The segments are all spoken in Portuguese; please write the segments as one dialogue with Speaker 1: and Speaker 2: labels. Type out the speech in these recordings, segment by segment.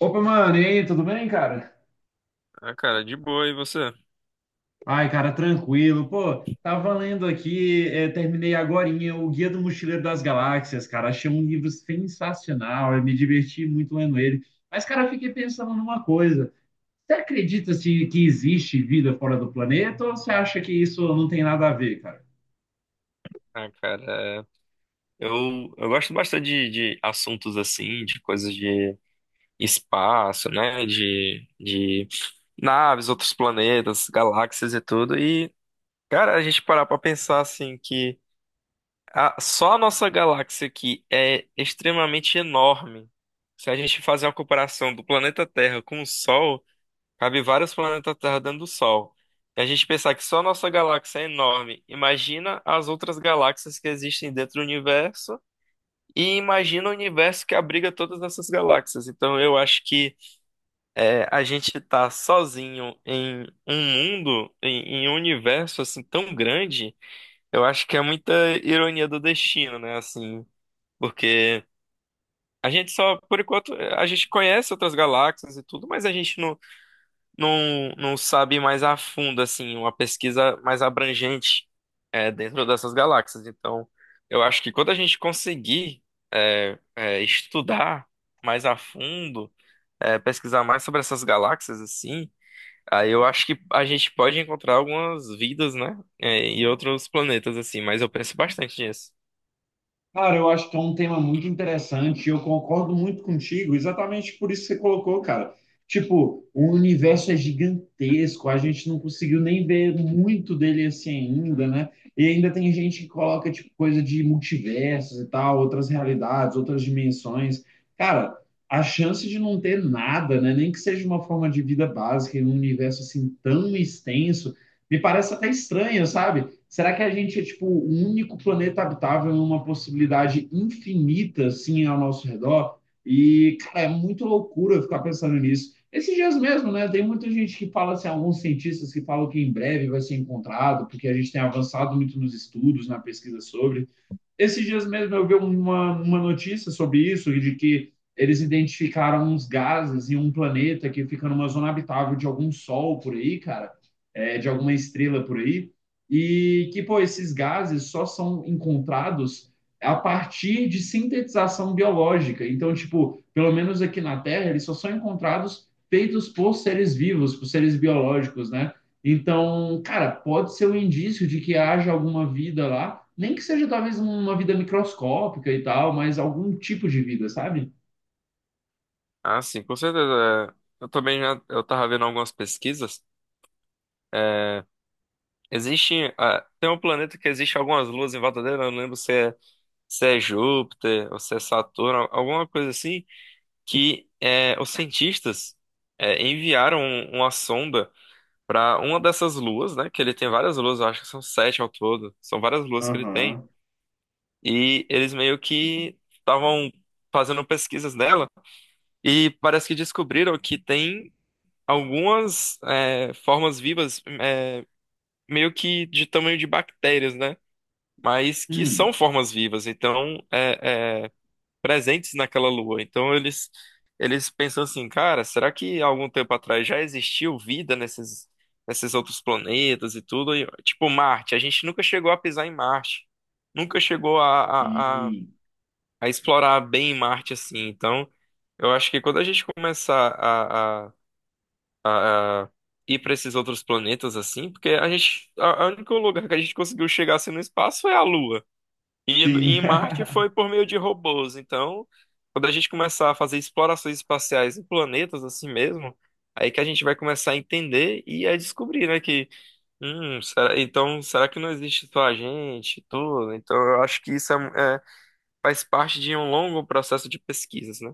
Speaker 1: Opa, mano, e aí, tudo bem, cara?
Speaker 2: Ah, cara, de boa, e você?
Speaker 1: Ai, cara, tranquilo. Pô, tava lendo aqui, é, terminei agorinha o Guia do Mochileiro das Galáxias, cara. Achei um livro sensacional, eu me diverti muito lendo ele. Mas, cara, eu fiquei pensando numa coisa. Você acredita, assim, que existe vida fora do planeta ou você acha que isso não tem nada a ver, cara?
Speaker 2: Ah, cara, eu gosto bastante de assuntos assim, de coisas de espaço, né? De naves, outros planetas, galáxias e tudo. E, cara, a gente parar pra pensar assim que só a nossa galáxia aqui é extremamente enorme. Se a gente fazer uma comparação do planeta Terra com o Sol. Cabe vários planetas Terra dentro do Sol. E a gente pensar que só a nossa galáxia é enorme. Imagina as outras galáxias que existem dentro do universo. E imagina o universo que abriga todas essas galáxias. Então eu acho que a gente tá sozinho em um mundo, em um universo assim tão grande. Eu acho que é muita ironia do destino, né? Assim, porque a gente só, por enquanto, a gente conhece outras galáxias e tudo, mas a gente não, não sabe mais a fundo, assim, uma pesquisa mais abrangente dentro dessas galáxias. Então, eu acho que quando a gente conseguir estudar mais a fundo, pesquisar mais sobre essas galáxias, assim, aí eu acho que a gente pode encontrar algumas vidas, né, e outros planetas, assim, mas eu penso bastante nisso.
Speaker 1: Cara, eu acho que é um tema muito interessante e eu concordo muito contigo, exatamente por isso que você colocou, cara. Tipo, o universo é gigantesco, a gente não conseguiu nem ver muito dele assim ainda, né? E ainda tem gente que coloca, tipo, coisa de multiversos e tal, outras realidades, outras dimensões. Cara, a chance de não ter nada, né? Nem que seja uma forma de vida básica em um universo assim tão extenso, me parece até estranha, sabe? Será que a gente é tipo o único planeta habitável em uma possibilidade infinita assim ao nosso redor? E cara, é muito loucura ficar pensando nisso. Esses dias mesmo, né? Tem muita gente que fala assim, alguns cientistas que falam que em breve vai ser encontrado, porque a gente tem avançado muito nos estudos, na pesquisa sobre. Esses dias mesmo eu vi uma notícia sobre isso, de que eles identificaram uns gases em um planeta que fica numa zona habitável de algum sol por aí, cara, é, de alguma estrela por aí, e que, pô, esses gases só são encontrados a partir de sintetização biológica. Então, tipo, pelo menos aqui na Terra, eles só são encontrados feitos por seres vivos, por seres biológicos, né? Então, cara, pode ser um indício de que haja alguma vida lá, nem que seja talvez uma vida microscópica e tal, mas algum tipo de vida, sabe?
Speaker 2: Ah, sim, com certeza. Eu também já, eu tava vendo algumas pesquisas. É, Existe. ah, tem um planeta que existe algumas luas em volta dele, eu não lembro se é Júpiter ou se é Saturno, alguma coisa assim, que os cientistas enviaram uma sonda para uma dessas luas, né? Que ele tem várias luas, eu acho que são sete ao todo, são várias luas que ele tem,
Speaker 1: Aham.
Speaker 2: e eles meio que estavam fazendo pesquisas nela, e parece que descobriram que tem algumas formas vivas, meio que de tamanho de bactérias, né? Mas que são
Speaker 1: Hum.
Speaker 2: formas vivas, então presentes naquela lua. Então eles pensam assim, cara, será que há algum tempo atrás já existiu vida nesses outros planetas e tudo? E, tipo Marte, a gente nunca chegou a pisar em Marte, nunca chegou a, a, a,
Speaker 1: E
Speaker 2: a explorar bem Marte assim. Então eu acho que quando a gente começar a ir para esses outros planetas assim, porque a gente a único lugar que a gente conseguiu chegar assim no espaço é a Lua. E
Speaker 1: sim.
Speaker 2: em Marte foi por meio de robôs. Então, quando a gente começar a fazer explorações espaciais em planetas assim mesmo, aí que a gente vai começar a entender e a descobrir, né, que, então, será que não existe só a gente, e tudo? Então, eu acho que isso faz parte de um longo processo de pesquisas, né?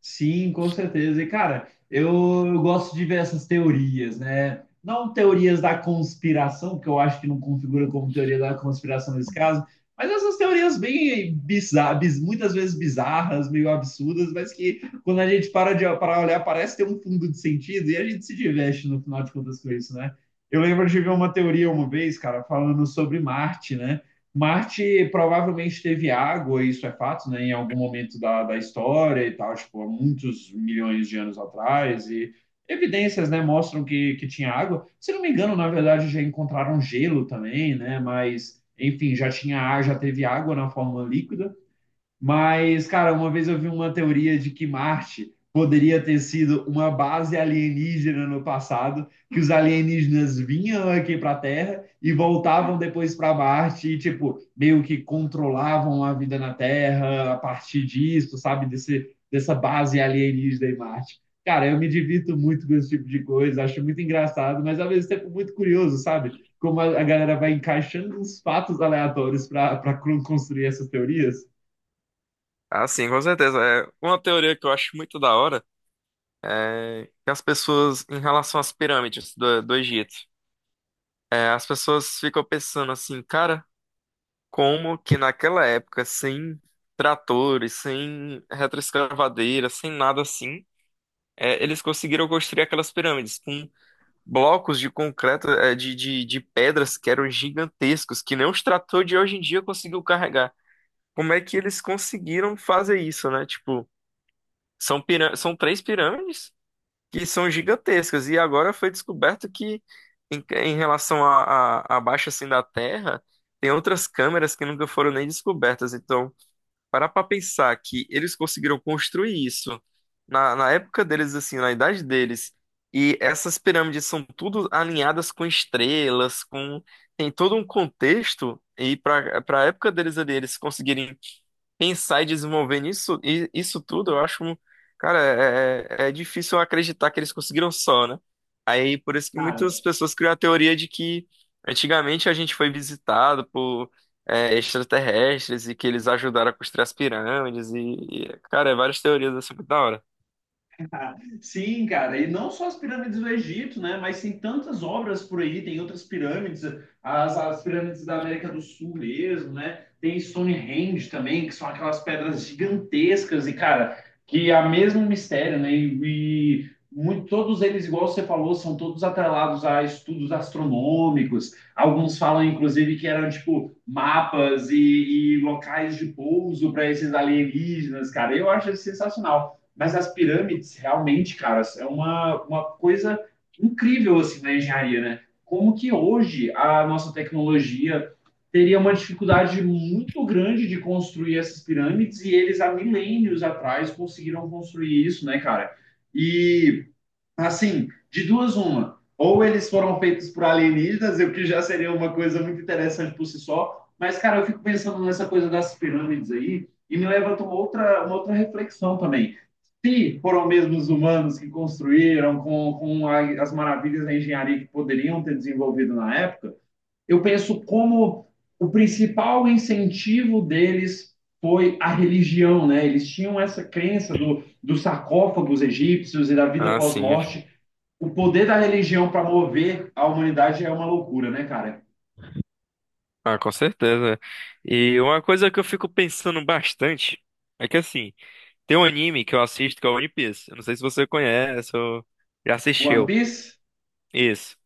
Speaker 1: Sim, com certeza. E, cara, eu gosto de ver essas teorias, né? Não teorias da conspiração, que eu acho que não configura como teoria da conspiração nesse caso, mas essas teorias bem bizarras, muitas vezes bizarras, meio absurdas, mas que quando a gente para olhar, parece ter um fundo de sentido e a gente se diverte no final de contas com isso, né? Eu lembro de ver uma teoria uma vez, cara, falando sobre Marte, né? Marte provavelmente teve água, isso é fato, né, em algum momento da história e tal, tipo, há muitos milhões de anos atrás, e evidências, né, mostram que tinha água. Se não me engano, na verdade, já encontraram gelo também, né, mas, enfim, já teve água na forma líquida. Mas, cara, uma vez eu vi uma teoria de que Marte poderia ter sido uma base alienígena no passado, que os alienígenas vinham aqui para a Terra e voltavam depois para Marte e, tipo, meio que controlavam a vida na Terra a partir disso, sabe? Desse, dessa base alienígena em Marte. Cara, eu me divirto muito com esse tipo de coisa, acho muito engraçado, mas ao mesmo tempo muito curioso, sabe? Como a galera vai encaixando uns fatos aleatórios para construir essas teorias.
Speaker 2: Ah, sim, com certeza. É uma teoria que eu acho muito da hora, é que as pessoas, em relação às pirâmides do Egito, as pessoas ficam pensando assim, cara. Como que naquela época, sem tratores, sem retroescavadeira, sem nada assim, eles conseguiram construir aquelas pirâmides com blocos de concreto, de pedras que eram gigantescos, que nem os tratores de hoje em dia conseguiu carregar. Como é que eles conseguiram fazer isso, né? Tipo, são três pirâmides que são gigantescas, e agora foi descoberto que, em relação à baixa assim da Terra, tem outras câmeras que nunca foram nem descobertas, então parar pra pensar que eles conseguiram construir isso na época deles, assim, na idade deles, e essas pirâmides são tudo alinhadas com estrelas, com tem todo um contexto, e para a época deles ali, eles conseguirem pensar e desenvolver nisso, isso tudo, eu acho, cara, é difícil acreditar que eles conseguiram só, né? Aí, por isso que muitas pessoas criam a teoria de que antigamente a gente foi visitado por extraterrestres e que eles ajudaram a construir as pirâmides e, cara, várias teorias assim, muito da hora.
Speaker 1: Sim, cara, e não só as pirâmides do Egito, né? Mas tem tantas obras por aí, tem outras pirâmides, as pirâmides da América do Sul mesmo, né? Tem Stonehenge também, que são aquelas pedras gigantescas e, cara, que é o mesmo mistério, né? E muito, todos eles, igual você falou, são todos atrelados a estudos astronômicos. Alguns falam, inclusive, que eram, tipo, mapas e locais de pouso para esses alienígenas, cara. Eu acho isso sensacional. Mas as pirâmides, realmente, cara, é uma coisa incrível, assim, na engenharia, né? Como que hoje a nossa tecnologia teria uma dificuldade muito grande de construir essas pirâmides e eles há milênios atrás conseguiram construir isso, né, cara? E assim, de duas, uma. Ou eles foram feitos por alienígenas, o que já seria uma coisa muito interessante por si só. Mas, cara, eu fico pensando nessa coisa das pirâmides aí e me levanta uma outra reflexão também. Se foram mesmo os humanos que construíram com as maravilhas da engenharia que poderiam ter desenvolvido na época, eu penso como o principal incentivo deles foi a religião, né? Eles tinham essa crença dos sarcófagos egípcios e da vida
Speaker 2: Ah, sim,
Speaker 1: pós-morte. O poder da religião para mover a humanidade é uma loucura, né, cara?
Speaker 2: ah, com certeza. E uma coisa que eu fico pensando bastante é que, assim, tem um anime que eu assisto que é o One Piece. Eu não sei se você conhece ou já
Speaker 1: One
Speaker 2: assistiu.
Speaker 1: Piece,
Speaker 2: Isso.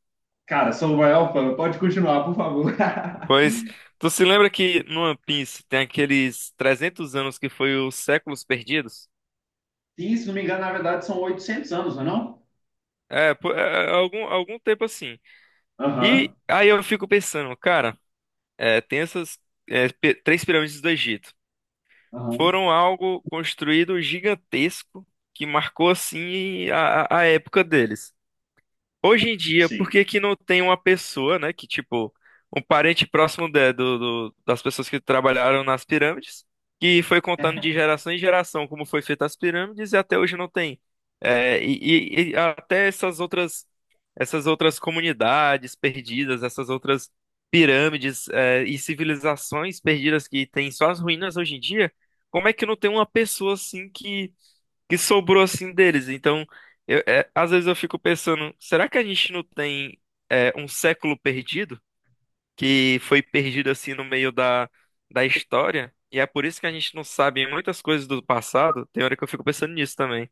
Speaker 1: cara, sou o maior fã. Pode continuar, por favor.
Speaker 2: Pois, tu se lembra que no One Piece tem aqueles 300 anos que foi os séculos perdidos?
Speaker 1: E, se não me engano, na verdade, são 800 anos, não é não?
Speaker 2: É, pô, algum tempo assim. E
Speaker 1: Aham,
Speaker 2: aí eu fico pensando, cara, tem essas três pirâmides do Egito.
Speaker 1: aham,
Speaker 2: Foram algo construído gigantesco que marcou assim a época deles. Hoje em dia, por
Speaker 1: sim.
Speaker 2: que que não tem uma pessoa, né, que tipo, um parente próximo das pessoas que trabalharam nas pirâmides, que foi contando de geração em geração como foi feita as pirâmides e até hoje não tem. É, e, e até essas outras, comunidades perdidas, essas outras pirâmides, e civilizações perdidas que tem só as ruínas hoje em dia, como é que não tem uma pessoa assim que sobrou assim deles. Então, às vezes eu fico pensando, será que a gente não tem um século perdido? Que foi perdido assim no meio da história? E é por isso que a gente não sabe muitas coisas do passado. Tem hora que eu fico pensando nisso também.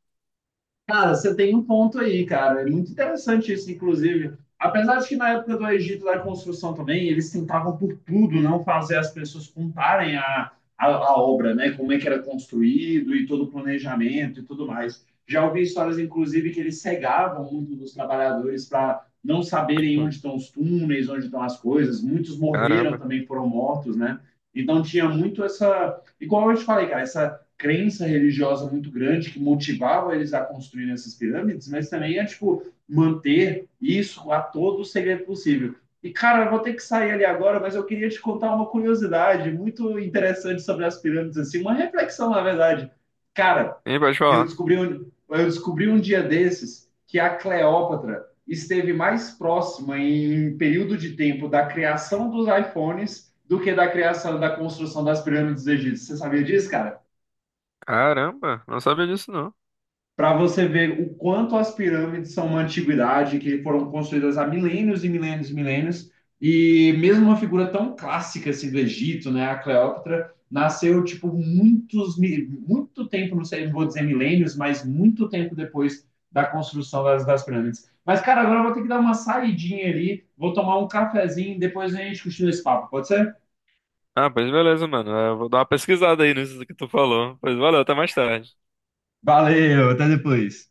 Speaker 1: Cara, você tem um ponto aí, cara. É muito interessante isso, inclusive. Apesar de que na época do Egito da construção também, eles tentavam por tudo não fazer as pessoas contarem a, a obra, né? Como é que era construído e todo o planejamento e tudo mais. Já ouvi histórias, inclusive, que eles cegavam muito dos trabalhadores para não saberem
Speaker 2: Hum,
Speaker 1: onde estão os túneis, onde estão as coisas. Muitos morreram
Speaker 2: Caramba.
Speaker 1: também, foram mortos, né? Então tinha muito essa, igual eu te falei, cara, essa crença religiosa muito grande que motivava eles a construir essas pirâmides, mas também é, tipo, manter isso a todo o segredo possível. E, cara, eu vou ter que sair ali agora, mas eu queria te contar uma curiosidade muito interessante sobre as pirâmides, assim, uma reflexão, na verdade. Cara,
Speaker 2: Hein, pode falar.
Speaker 1: eu descobri um dia desses que a Cleópatra esteve mais próxima em período de tempo da criação dos iPhones do que da criação da construção das pirâmides egípcias. Você sabia disso, cara?
Speaker 2: Caramba, não sabia disso não.
Speaker 1: Para você ver o quanto as pirâmides são uma antiguidade, que foram construídas há milênios e milênios e milênios, e mesmo uma figura tão clássica assim do Egito, né, a Cleópatra, nasceu tipo muito tempo, não sei, não vou dizer milênios, mas muito tempo depois da construção das pirâmides. Mas cara, agora eu vou ter que dar uma saidinha ali, vou tomar um cafezinho, depois a gente continua esse papo, pode ser?
Speaker 2: Ah, pois beleza, mano. Eu vou dar uma pesquisada aí nisso que tu falou. Pois valeu, até mais tarde.
Speaker 1: Valeu, até depois.